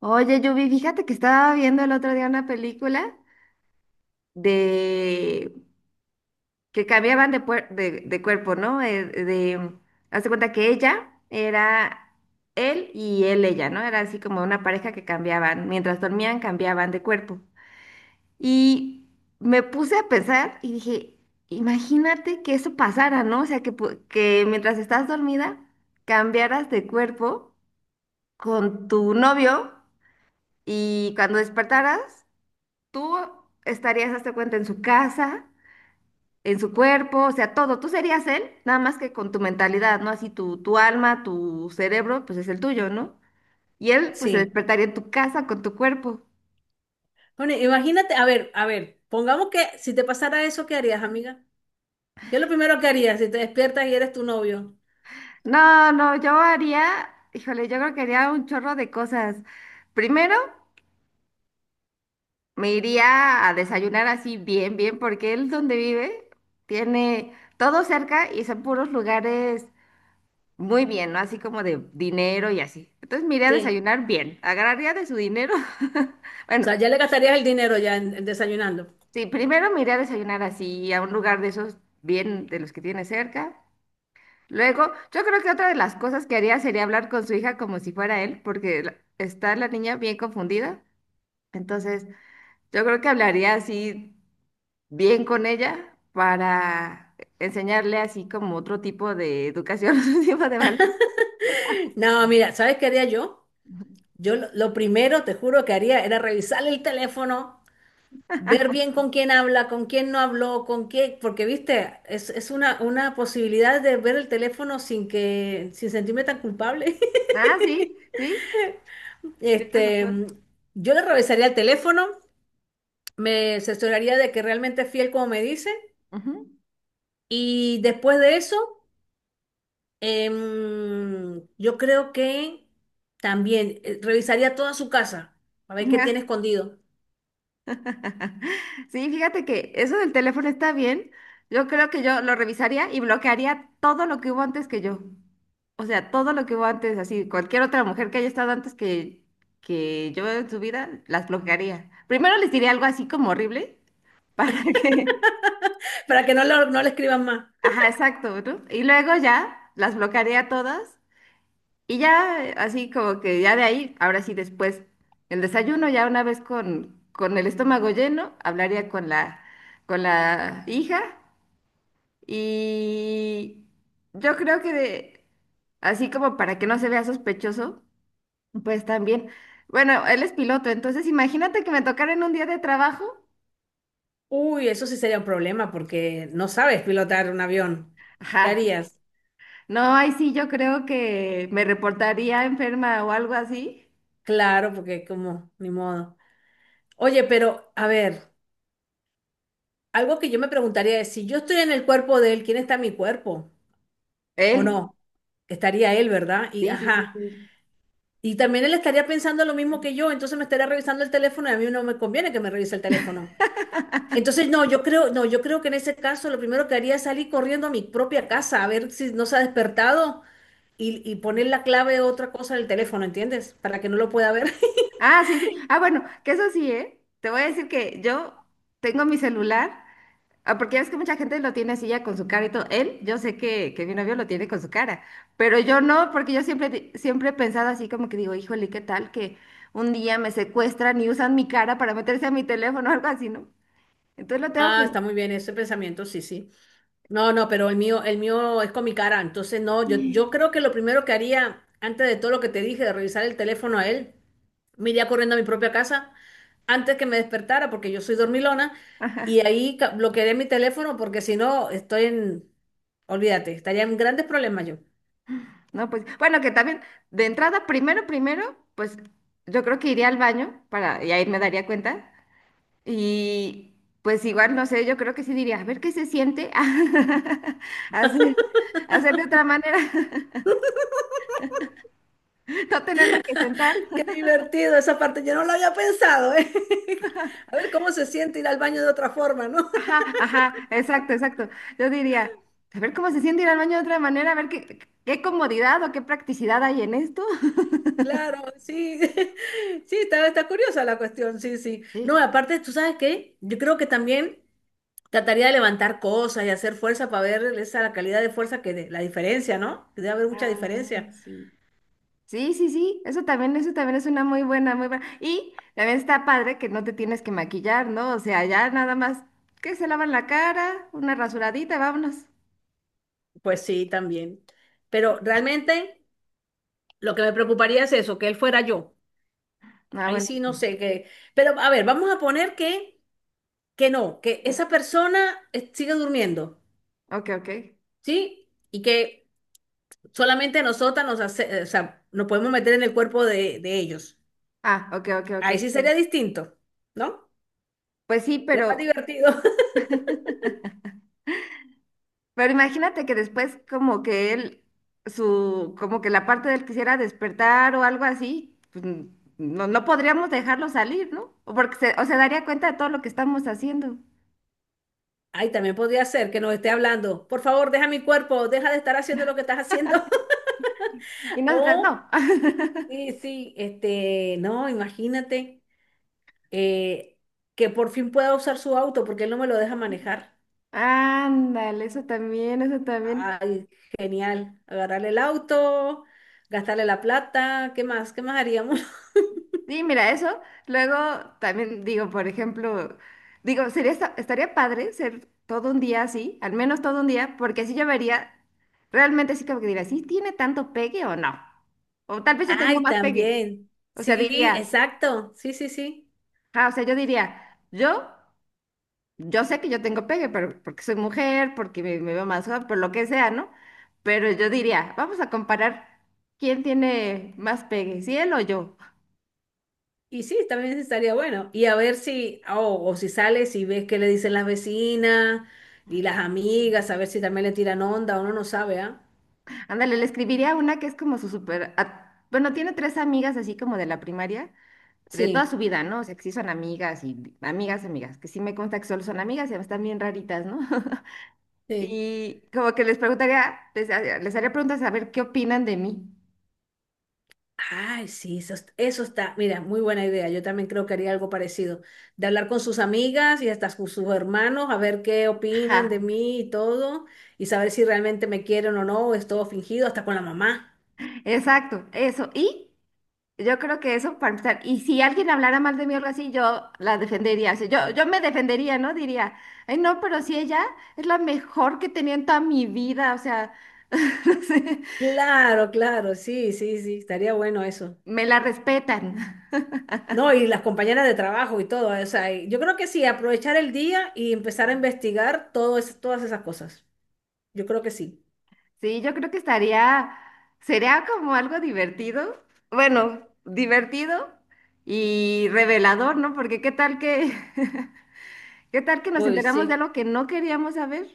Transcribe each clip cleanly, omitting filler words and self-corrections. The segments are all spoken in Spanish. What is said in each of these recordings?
Oye, Yubi, fíjate que estaba viendo el otro día una película de que cambiaban de, de cuerpo, ¿no? De, hace cuenta que ella era él y él ella, ¿no? Era así como una pareja que cambiaban, mientras dormían cambiaban de cuerpo. Y me puse a pensar y dije, imagínate que eso pasara, ¿no? O sea, que mientras estás dormida cambiaras de cuerpo con tu novio y cuando despertaras tú estarías, hazte cuenta, en su casa, en su cuerpo, o sea, todo. Tú serías él, nada más que con tu mentalidad, ¿no? Así tu alma, tu cerebro, pues es el tuyo, ¿no? Y él, pues se Sí. despertaría en tu casa con tu cuerpo. Bueno, imagínate, a ver, pongamos que si te pasara eso, ¿qué harías, amiga? ¿Qué es lo primero que harías si te despiertas y eres tu novio? No, no, yo haría, híjole, yo creo que haría un chorro de cosas. Primero, me iría a desayunar así bien, bien, porque él donde vive tiene todo cerca y son puros lugares muy bien, ¿no? Así como de dinero y así. Entonces me iré a Sí. desayunar bien. Agarraría de su dinero. O Bueno, sea, ya le gastarías el dinero ya en desayunando. sí, primero me iré a desayunar así a un lugar de esos bien de los que tiene cerca. Luego, yo creo que otra de las cosas que haría sería hablar con su hija como si fuera él, porque está la niña bien confundida. Entonces, yo creo que hablaría así bien con ella para enseñarle así como otro tipo de educación, otro tipo de valor. No, mira, ¿sabes qué haría yo? Yo lo primero, te juro que haría era revisar el teléfono, ver bien con quién habla, con quién no habló, con qué, porque viste, es una posibilidad de ver el teléfono sin sentirme tan culpable. Ah, sí, sí, tienes Este, razón. yo le revisaría el teléfono. Me asesoraría de que realmente es fiel como me dice. Ujú. Y después de eso, yo creo que también revisaría toda su casa para ver qué tiene Ajá. escondido, Sí, fíjate que eso del teléfono está bien. Yo creo que yo lo revisaría y bloquearía todo lo que hubo antes que yo. O sea, todo lo que hubo antes, así, cualquier otra mujer que haya estado antes que yo en su vida, las bloquearía. Primero les diría algo así como horrible para que... para que no, no le escriban más. Ajá, exacto, ¿no? Y luego ya las bloquearía todas. Y ya, así como que ya de ahí, ahora sí después, el desayuno, ya una vez con el estómago lleno, hablaría con la hija y yo creo que así como para que no se vea sospechoso, pues también, bueno, él es piloto, entonces imagínate que me tocara en un día de trabajo, Uy, eso sí sería un problema porque no sabes pilotar un avión. ¿Qué ajá, harías? no, ahí sí yo creo que me reportaría enferma o algo así, Claro, porque como, ni modo. Oye, pero a ver, algo que yo me preguntaría es, si yo estoy en el cuerpo de él, ¿quién está en mi cuerpo? ¿O él, no? Estaría él, ¿verdad? Y sí, sí, sí, ajá. sí. Y también él estaría pensando lo mismo que yo, entonces me estaría revisando el teléfono y a mí no me conviene que me revise el teléfono. Entonces, no, yo creo, no, yo creo que en ese caso lo primero que haría es salir corriendo a mi propia casa a ver si no se ha despertado y poner la clave de otra cosa del teléfono, ¿entiendes? Para que no lo pueda ver. Ah, sí, sí. Ah, bueno, que eso sí, ¿eh? Te voy a decir que yo tengo mi celular, ah, porque ya ves que mucha gente lo tiene así ya con su cara y todo. Él, yo sé que mi novio lo tiene con su cara, pero yo no, porque yo siempre, siempre he pensado así como que digo, híjole, ¿qué tal que un día me secuestran y usan mi cara para meterse a mi teléfono o algo así, ¿no? Entonces lo tengo Ah, como... está muy bien ese pensamiento, sí, sí. No, no, pero el mío es con mi cara, entonces no, yo Sí. creo que lo primero que haría, antes de todo lo que te dije, de revisar el teléfono a él, me iría corriendo a mi propia casa antes que me despertara, porque yo soy dormilona, y Ajá. ahí bloquearé mi teléfono, porque si no, estoy en, olvídate, estaría en grandes problemas yo. No, pues, bueno, que también, de entrada, primero, primero, pues yo creo que iría al baño para, y ahí me daría cuenta. Y pues igual, no sé, yo creo que sí diría, a ver qué se siente hacer, hacer de otra manera, no tenerme que sentar. Qué divertido esa parte, yo no lo había pensado, ¿eh? A ver cómo se siente ir al baño de otra forma, ¿no? Ajá, ajá, exacto, exacto. Yo diría, a ver cómo se siente ir al baño de otra manera, a ver qué, qué comodidad o qué practicidad hay en esto. Claro, sí, sí, está, está curiosa la cuestión, sí, sí. No, Sí. aparte, ¿tú sabes qué? Yo creo que también trataría de levantar cosas y hacer fuerza para ver esa la calidad de fuerza que la diferencia, ¿no? Que debe haber mucha Ah, diferencia. sí. Sí, sí, sí, eso también es una muy buena, muy buena. Y también está padre que no te tienes que maquillar, ¿no? O sea, ya nada más que se lavan la cara, una rasuradita, vámonos. Pues sí, también. Pero realmente lo que me preocuparía es eso, que él fuera yo. Ah, Ahí bueno. sí no sé qué. Pero a ver, vamos a poner que no, que esa persona sigue durmiendo, Ok, ok. ¿sí? Y que solamente nosotras o sea, nos podemos meter en el cuerpo de ellos. Ah, ok, ok, ok. Ahí sí Sí. sería distinto, ¿no? Pues sí, Es más pero, divertido. pero imagínate que después como que él, su, como que la parte de él quisiera despertar o algo así, pues no, no podríamos dejarlo salir, ¿no? O porque o se daría cuenta de todo lo que estamos haciendo. Ahí también podría ser que nos esté hablando, por favor, deja mi cuerpo, deja de estar haciendo lo que estás haciendo. Y nosotras O, no. sí, sí, no, imagínate eh, que por fin pueda usar su auto porque él no me lo deja manejar. Ándale, eso también, eso también. Ay, genial. Agarrarle el auto, gastarle la plata, ¿qué más? ¿Qué más haríamos? Sí, mira, eso. Luego también digo, por ejemplo, digo, sería estaría padre ser todo un día así, al menos todo un día, porque así yo vería, realmente sí como que diría, ¿sí tiene tanto pegue o no? O tal vez yo tengo Ay, más pegue. también. O sea, Sí, diría, exacto. Sí, sí, sí. ah, o sea, yo diría, yo sé que yo tengo pegue, pero porque soy mujer, porque me veo más joven, por lo que sea, ¿no? Pero yo diría, vamos a comparar quién tiene más pegue, si él o yo. Y sí, también estaría bueno. Y a ver si, oh, o si sales y ves qué le dicen las vecinas y las amigas, a ver si también le tiran onda, uno no sabe, ¿ah? Ándale, le escribiría una que es como su super... a- Bueno, tiene tres amigas así como de la primaria, de toda su Sí, vida, ¿no? O sea, que sí son amigas y amigas, amigas, que sí me consta que solo son amigas y están bien raritas, ¿no? sí. Y como que les preguntaría, les haría preguntas a ver qué opinan de mí. Ay, sí, eso, eso está, mira, muy buena idea. Yo también creo que haría algo parecido, de hablar con sus amigas y hasta con sus hermanos, a ver qué opinan de Ajá, mí y todo, y saber si realmente me quieren o no, o es todo fingido, hasta con la mamá. exacto, eso. Y yo creo que eso para empezar. Y si alguien hablara mal de mí o algo así, yo la defendería. O sea, yo me defendería, ¿no? Diría, ay, no, pero si ella es la mejor que tenía en toda mi vida, o sea, no sé. Claro, claro, sí, sí, sí, estaría bueno eso. Me la respetan. No, y las compañeras de trabajo y todo, o sea, y yo creo que sí, aprovechar el día y empezar a investigar todas esas cosas. Yo creo que sí. Sí, yo creo que estaría, sería como algo divertido, bueno, divertido y revelador, ¿no? Porque qué tal que, qué tal que nos Uy, enteramos de sí. algo que no queríamos saber.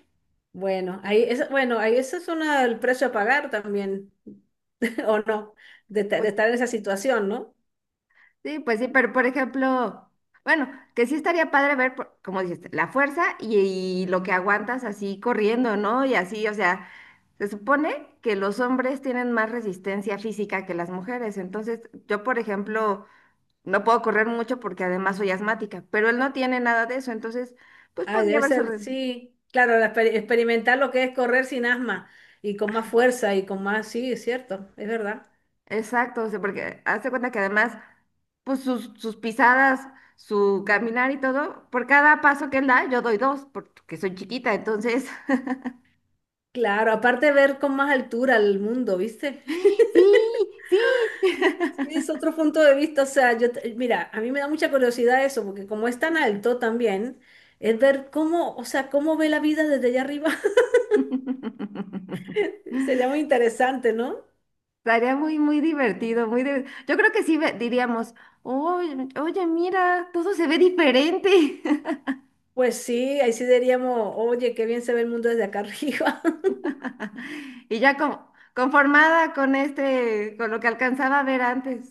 Bueno, ahí es, bueno, ahí ese es una, el precio a pagar también, o no, de Pues estar en esa situación, ¿no? sí, pues sí, pero por ejemplo, bueno, que sí estaría padre ver, como dices, la fuerza y lo que aguantas así corriendo, ¿no? Y así, o sea, se supone que los hombres tienen más resistencia física que las mujeres, entonces yo, por ejemplo, no puedo correr mucho porque además soy asmática, pero él no tiene nada de eso, entonces, pues Ay, podría debe haber ser, sorprendido. sí, claro, la experimentar lo que es correr sin asma y con más fuerza y con más, sí, es cierto, es verdad. Exacto, o sea, porque hazte cuenta que además, pues sus pisadas, su caminar y todo, por cada paso que él da, yo doy dos, porque soy chiquita, entonces, Claro, aparte ver con más altura el mundo, ¿viste? sí, sí. Es otro punto de vista, o sea, mira, a mí me da mucha curiosidad eso, porque como es tan alto también, es ver cómo, o sea, cómo ve la vida desde allá arriba. Sería muy interesante, ¿no? Estaría muy, muy divertido, muy yo creo que sí diríamos, oye, oye, mira, todo se ve diferente. Pues sí, ahí sí diríamos, oye, qué bien se ve el mundo desde acá arriba. Y ya como conformada con este, con lo que alcanzaba a ver antes.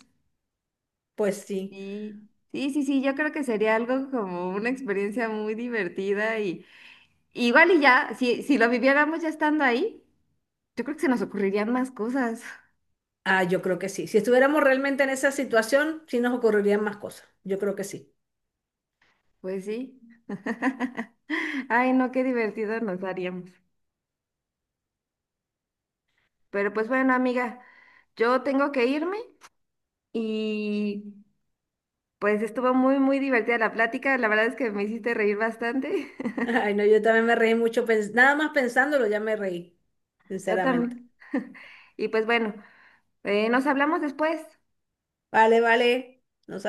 Pues sí, Sí, sí, sí, sí, yo creo que sería algo como una experiencia muy divertida y igual y ya, si lo viviéramos ya estando ahí, yo creo que se nos ocurrirían más cosas. ah, yo creo que sí. Si estuviéramos realmente en esa situación, sí nos ocurrirían más cosas. Yo creo que sí. Pues sí. Ay, no, qué divertido nos haríamos. Pero pues bueno, amiga, yo tengo que irme y pues estuvo muy, muy divertida la plática. La verdad es que me hiciste reír bastante. Ay, no, yo también me reí mucho, nada más pensándolo ya me reí, Yo sinceramente. también. Y pues bueno, nos hablamos después. Vale, vale, nos